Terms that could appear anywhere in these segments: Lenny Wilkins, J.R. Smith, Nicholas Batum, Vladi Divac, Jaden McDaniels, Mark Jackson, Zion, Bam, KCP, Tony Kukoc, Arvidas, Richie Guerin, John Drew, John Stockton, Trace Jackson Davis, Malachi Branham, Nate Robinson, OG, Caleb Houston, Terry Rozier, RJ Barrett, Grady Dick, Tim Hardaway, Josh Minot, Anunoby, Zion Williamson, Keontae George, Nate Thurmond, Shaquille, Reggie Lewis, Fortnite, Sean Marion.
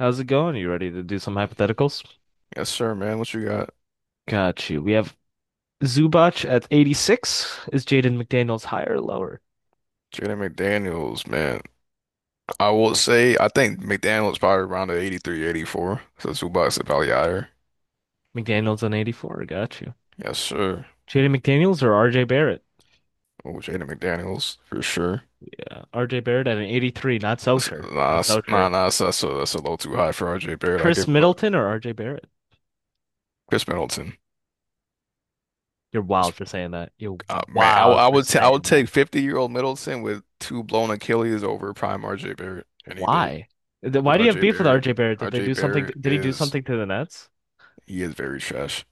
How's it going? You ready to do some hypotheticals? Yes, sir, man. What you got? Got you. We have Zubac at 86. Is Jaden McDaniels higher or lower? Jaden McDaniels, man. I will say, I think McDaniels probably around the 83, 84. So Zubac is probably higher. McDaniels on 84. Got you. Yes, sir. Jaden McDaniels or RJ Barrett? Oh, Jaden McDaniels, for sure. Yeah, RJ Barrett at an 83. Not so sure. Not That's- so nah, sure. nah, that's a little too high for RJ Barrett. I Chris give him a Middleton or RJ Barrett? Chris Middleton. You're wild Just- for saying that. You're man, I, w- wild I for would ta- I would saying that. take 50-year-old Middleton with two blown Achilles over prime RJ Barrett any day. Why? Why do Because you have RJ beef with Barrett, RJ Barrett? Did they RJ do something? Barrett Did he do is, something to the Nets? He is very trash.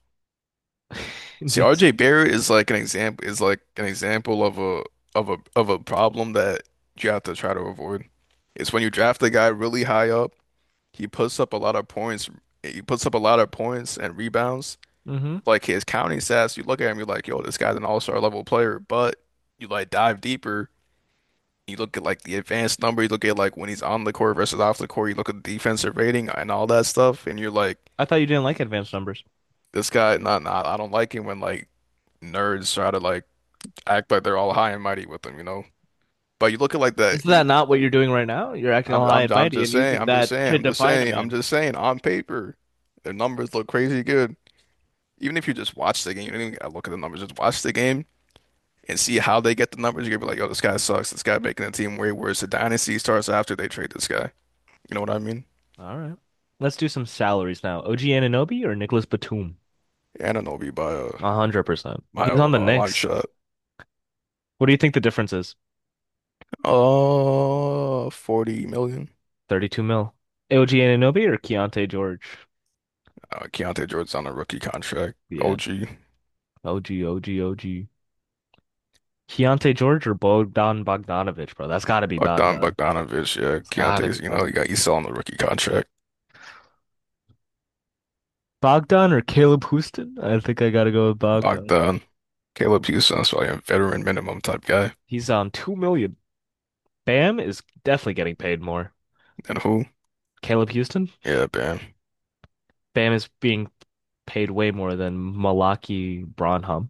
See, Knicks. RJ Barrett is like an example is like an example of a of a of a problem that you have to try to avoid. It's when you draft a guy really high up, he puts up a lot of points, he puts up a lot of points and rebounds. hmm Like his counting stats, you look at him, you're like, yo, this guy's an all-star level player. But you like dive deeper, you look at like the advanced number, you look at like when he's on the court versus off the court, you look at the defensive rating and all that stuff, and you're like, I thought you didn't like advanced numbers. this guy, not nah, nah, I don't like him when like nerds try to like act like they're all high and mighty with them. But you look at like Is that. Look, that not what look, you're doing right now? You're acting I'm, all high I'm and I'm mighty just and saying. using I'm just that saying. to I'm just define a saying. I'm man. just saying. On paper, their numbers look crazy good. Even if you just watch the game, you don't even gotta look at the numbers. Just watch the game and see how they get the numbers. You're gonna be like, "Yo, this guy sucks. This guy making the team way worse." The dynasty starts after they trade this guy. You know what I mean? All right. Let's do some salaries now. OG Anunoby or Nicholas Batum? Anunoby by a 100%. He's on the long Knicks. shot. What do you think the difference is? 40 million. 32 mil. OG Anunoby or Keontae George? Keontae George's on a rookie contract. Yeah. OG. OG, OG, OG. Keontae George or Bogdan Bogdanovic, bro? That's gotta be Bogdan Bogdan. Bogdanovic, yeah, It's gotta be Keontae's, you know, you got Bogdan. Isel on the rookie contract. Bogdan or Caleb Houston? I think I gotta go with Bogdan. Bogdan, Caleb Houston's probably a veteran minimum type guy. He's on 2 million. Bam is definitely getting paid more. And who? Caleb Houston. Yeah, man. Bam is being paid way more than Malachi Branham.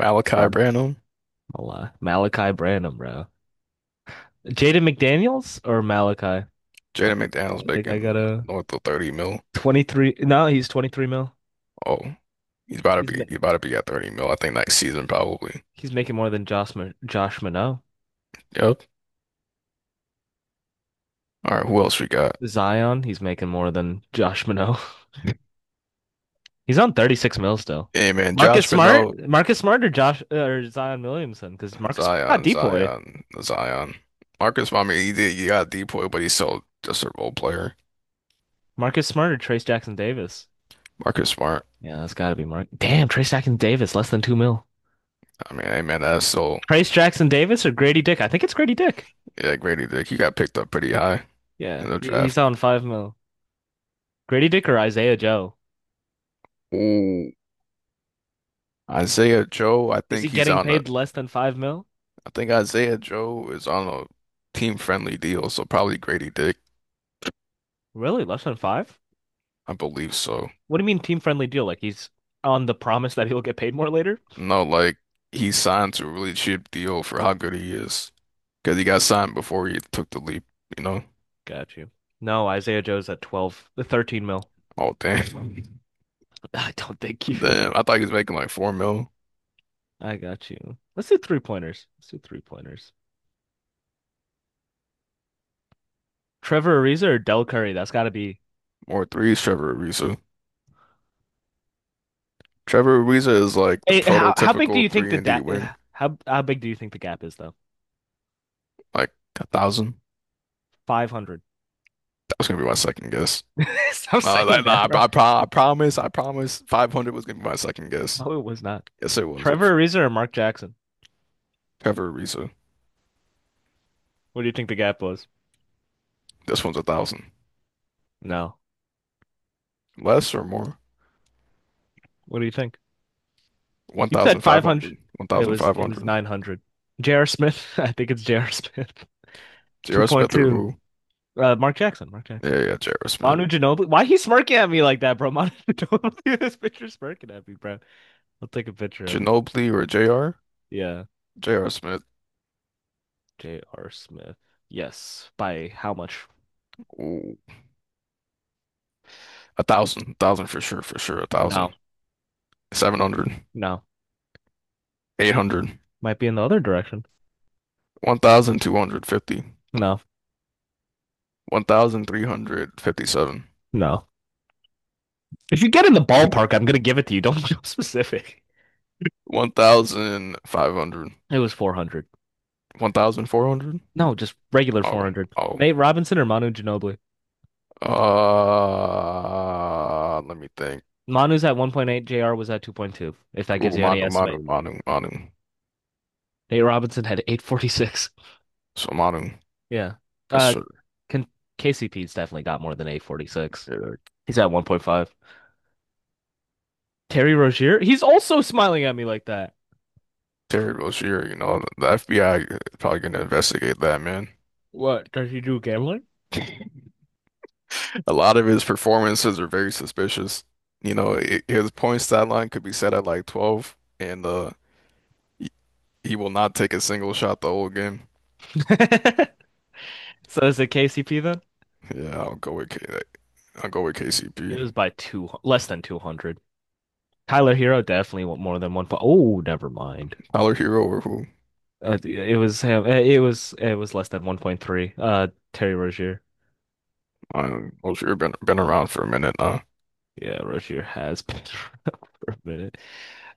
Malachi Branham? Branham, Malachi Branham, bro. Jaden McDaniels or Malachi? I Jaden McDaniels think I making got a north of 30 mil. 23. No, he's 23 mil. Oh, he's about to He's ma be he's about to be at 30 mil, I think next season probably. he's making more than Josh Minot. Yep. All right, who else we got? Zion, he's making more than Josh Minot. He's on 36 mil still. Hey man, Marcus Josh Smart, Minot, Marcus Smart or Josh or Zion Williamson because Marcus not Zion, Depoy. Zion, Zion. Marcus, I mean, he did, he got a depoy, but he's still just a role player. Marcus Smart or Trace Jackson Davis. Marcus Smart. Yeah, that's got to be Mark. Damn, Trace Jackson Davis, less than 2 mil. I mean, hey man, that's so. Trace Jackson Davis or Grady Dick? I think it's Grady Dick. Yeah, Grady Dick, he got picked up pretty high in Yeah, the draft. he's on 5 mil. Grady Dick or Isaiah Joe? Ooh, Isaiah Joe, I Is he think he's getting on a, paid less than 5 mil? I think Isaiah Joe is on a team-friendly deal, so probably Grady Dick. Really, less than five? I believe so. What do you mean team friendly deal? Like he's on the promise that he'll get paid more later? No, like he signed to a really cheap deal for how good he is, because he got signed before he took the leap. You know? Got you. No, Isaiah Joe's at 12, the 13 mil. Oh damn, I don't think you. damn! I thought he was making like four mil I got you. Let's do three pointers. Let's do three pointers. Trevor Ariza or Del Curry? That's got to be. or threes. Trevor Ariza. Trevor Ariza is like the How big do you prototypical think three the and da D wing, how big do you think the gap is though? like 1,000. 500. That was gonna be my second guess. Stop No, saying that, that, nah, bro. I, pro I promise, I promise. 500 was gonna be my second guess. No, it was not. Yes, it was. It was Trevor Ariza or Mark Jackson? Trevor Ariza. What do you think the gap was? This one's 1,000. No. Less or more? What do you think? You said 500. 1,500. It was 1,500. 900. J.R. Smith. I think it's J.R. Smith. J.R. Smith or 2.2. who? Mark Jackson. Mark Yeah, Jackson. yeah, J.R. Smith. Manu Ginobili. Why he smirking at me like that, bro? Manu Ginobili. This picture smirking at me, bro. I'll take a picture of it. Ginobili or J.R.? Yeah. J.R. Smith. J.R. Smith. Yes. By how much? Ooh. 1,000. 1,000 for sure, for sure. 1,000. No. 700. No. 800. Might be in the other direction. 1,250. No. 1,357. No. If you get in the ballpark, I'm gonna give it to you. Don't be specific. 1,500. It was 400. 1,400? No, just regular Oh, 400. oh. Nate Robinson or Manu Ginobili? Let me think. Manu's at 1.8, JR was at 2.2, if that gives Ooh, you any Manu, Manu, estimate. Manu, Manu. Nate Robinson had 846. So Manu, Yeah. yes Uh, sir. can, KCP's definitely got more than 846. Yeah, He's at 1.5. Terry Rozier, he's also smiling at me like that. Terry Rozier, you know, the FBI is probably gonna investigate that man. What, does he do gambling? A lot of his performances are very suspicious. You know, I his point stat line could be set at like 12, and uh, he, he will not take a single shot the whole game. So is it KCP then? Yeah, I'll go with K. I'll go with It KCP. was by two, less than 200. Tyler Hero definitely want more than 1 point. Oh, never mind. Tyler Hero or who? It was him. It was less than 1.3. Terry Rozier. I don't know. Rozier been around for a minute now. Yeah, Rozier has been around for a minute.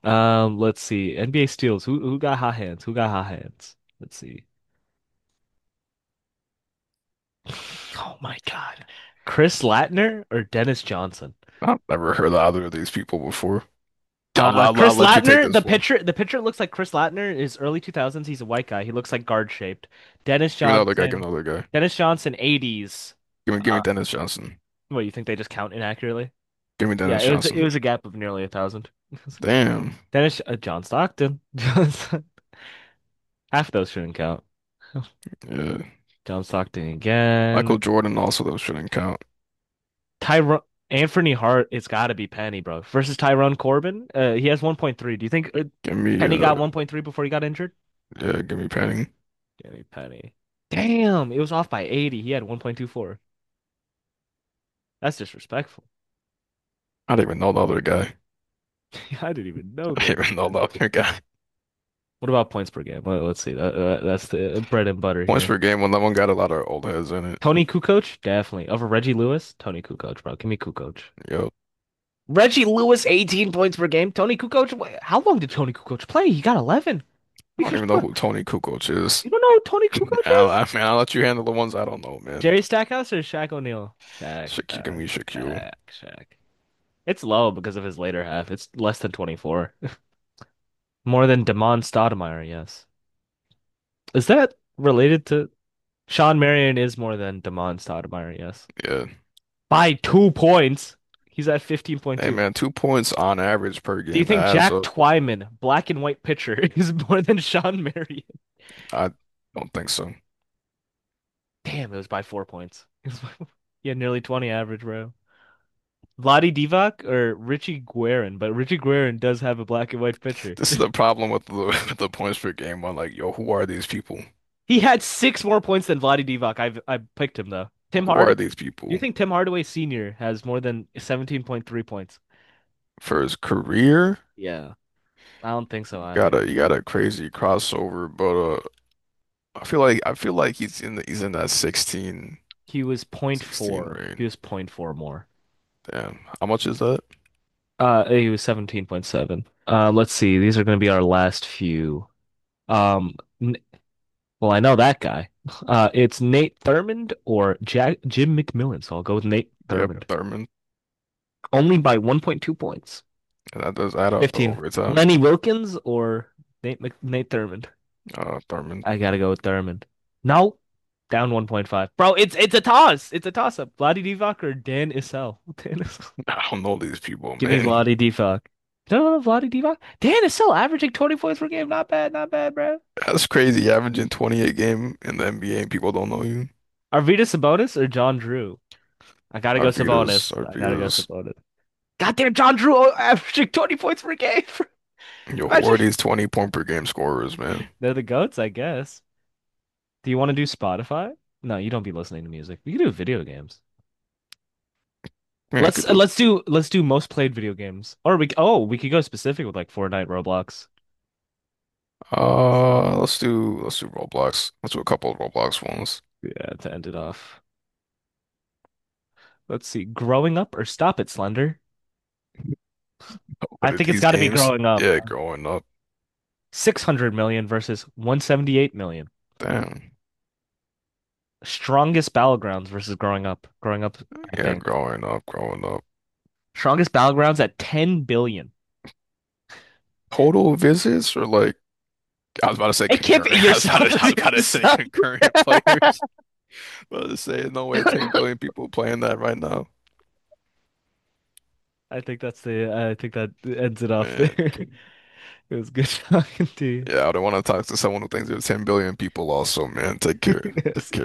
Let's see. NBA steals. Who got hot hands? Who got hot hands? Let's see. Oh my God. Chris Latner or Dennis Johnson? I've never heard of either of these people before. I'll, I'll, I'll Chris let you take Latner, the this one. pitcher, the pitcher looks like Chris Latner is early 2000s. He's a white guy. He looks like guard shaped. Dennis Give me another guy. Give Johnson, me another guy. Dennis Johnson, 80s. Give me Dennis Johnson. What, you think they just count inaccurately? Give me Yeah, Dennis it was it Johnson. was a gap of nearly a thousand. Damn. Dennis John Stockton. Half those shouldn't count. Yeah. John Stockton again. Michael Jordan also though shouldn't count. Tyrone Anthony Hart, it's got to be Penny, bro. Versus Tyrone Corbin. He has 1.3. Do you think Give me Penny got 1.3 before he got injured? Yeah, give me Penning. Danny Penny. Damn, it was off by 80. He had 1.24. That's disrespectful. I don't even know the other guy. I didn't even know I the don't even know other. the other guy. What about points per game? Let us see. That's the bread and butter Points here. per game when that one got a lot of old heads in it. Tony Kukoc, definitely. Over Reggie Lewis, Tony Kukoc, bro. Give me Kukoc. Yo. Reggie Lewis, 18 points per game. Tony Kukoc, how long did Tony Kukoc play? He got 11. I don't You, even know who Tony Kukoc is. you don't know who Tony Kukoc I'll, is? I man, I'll let you handle the ones I don't know, man. Jerry Stackhouse or Shaq O'Neal? Shaq. Give me Shaquille. Shaq, Shaq. It's low because of his later half. It's less than 24. More than Damon Stoudemire, yes. Is that related to Sean Marion is more than Damon Stoudemire, yes. Yeah. By 2 points. He's at Hey 15.2. man, 2 points on average per Do you game. That think adds Jack up. Twyman, black and white pitcher, is more than Sean Marion? I don't think so. Damn, it was by 4 points. It was by. Yeah, nearly 20 average, bro. Vladi Divac or Richie Guerin, but Richie Guerin does have a black and white pitcher. This is the problem with the with the points per game one. Like, yo, who are these people? He had 6 more points than Vladi Divac. I picked him though. Tim Who are Hardaway. these Do you people? think Tim Hardaway Sr. has more than 17.3 points? For his career, Yeah, I don't think so you got either. a you got a crazy crossover, but I feel like he's in the he's in that sixteen He was zero point sixteen 0.4. He range. was zero point 0.4 more. Damn, how much is that? He was 17.7. Let's see. These are going to be our last few. Um, well, I know that guy. It's Nate Thurmond or Jack Jim McMillan, so I'll go with Nate Yep, Thurmond. Thurman. Only by 1.2 points. That does add up to 15. overtime. Lenny Wilkins or Nate Thurmond? Thurman. I gotta go with Thurmond. No, down 1.5. Bro, it's a toss. It's a toss up. Vladi Divac or Dan Issel? Dan Issel. I don't know these people, Give me man. Vladi Divac. No, no, no, Vladi Divac. Dan Issel averaging 20 points per game. Not bad, not bad, bro. That's crazy. Averaging 28 game in the NBA and people don't know you. Arvidas Sabonis or John Drew? I gotta go Arvidas, Sabonis. I gotta go Arvidas. Sabonis. Goddamn, John Drew averaging 20 points per game. Yo, who Imagine are these 20 point per game scorers, man? they're the goats, I guess. Do you want to do Spotify? No, you don't be listening to music. We can do video games. Yeah, I Let's could uh, do it. let's do let's do most played video games. Or we oh we could go specific with like Fortnite, Roblox. So, Let's do Roblox. Let's do a couple of Roblox ones. yeah, to end it off. Let's see. Growing up or stop it, Slender? I What are think it's these got to be games? growing up. Yeah, growing up. 600 million versus 178 million. Damn. Strongest battlegrounds versus growing up. Growing up, I Yeah, think. growing up, growing up. Strongest battlegrounds at 10 billion. Total visits or like I was about to say It can't be concurrent. your sub. I was about to say concurrent I players. I was about to say no way 10 billion people playing that right now. I think that ends it off there. Man. It was good talking to you. Yeah, I don't want to talk to someone who thinks there's 10 billion people also, man. Take care. Take See you. care.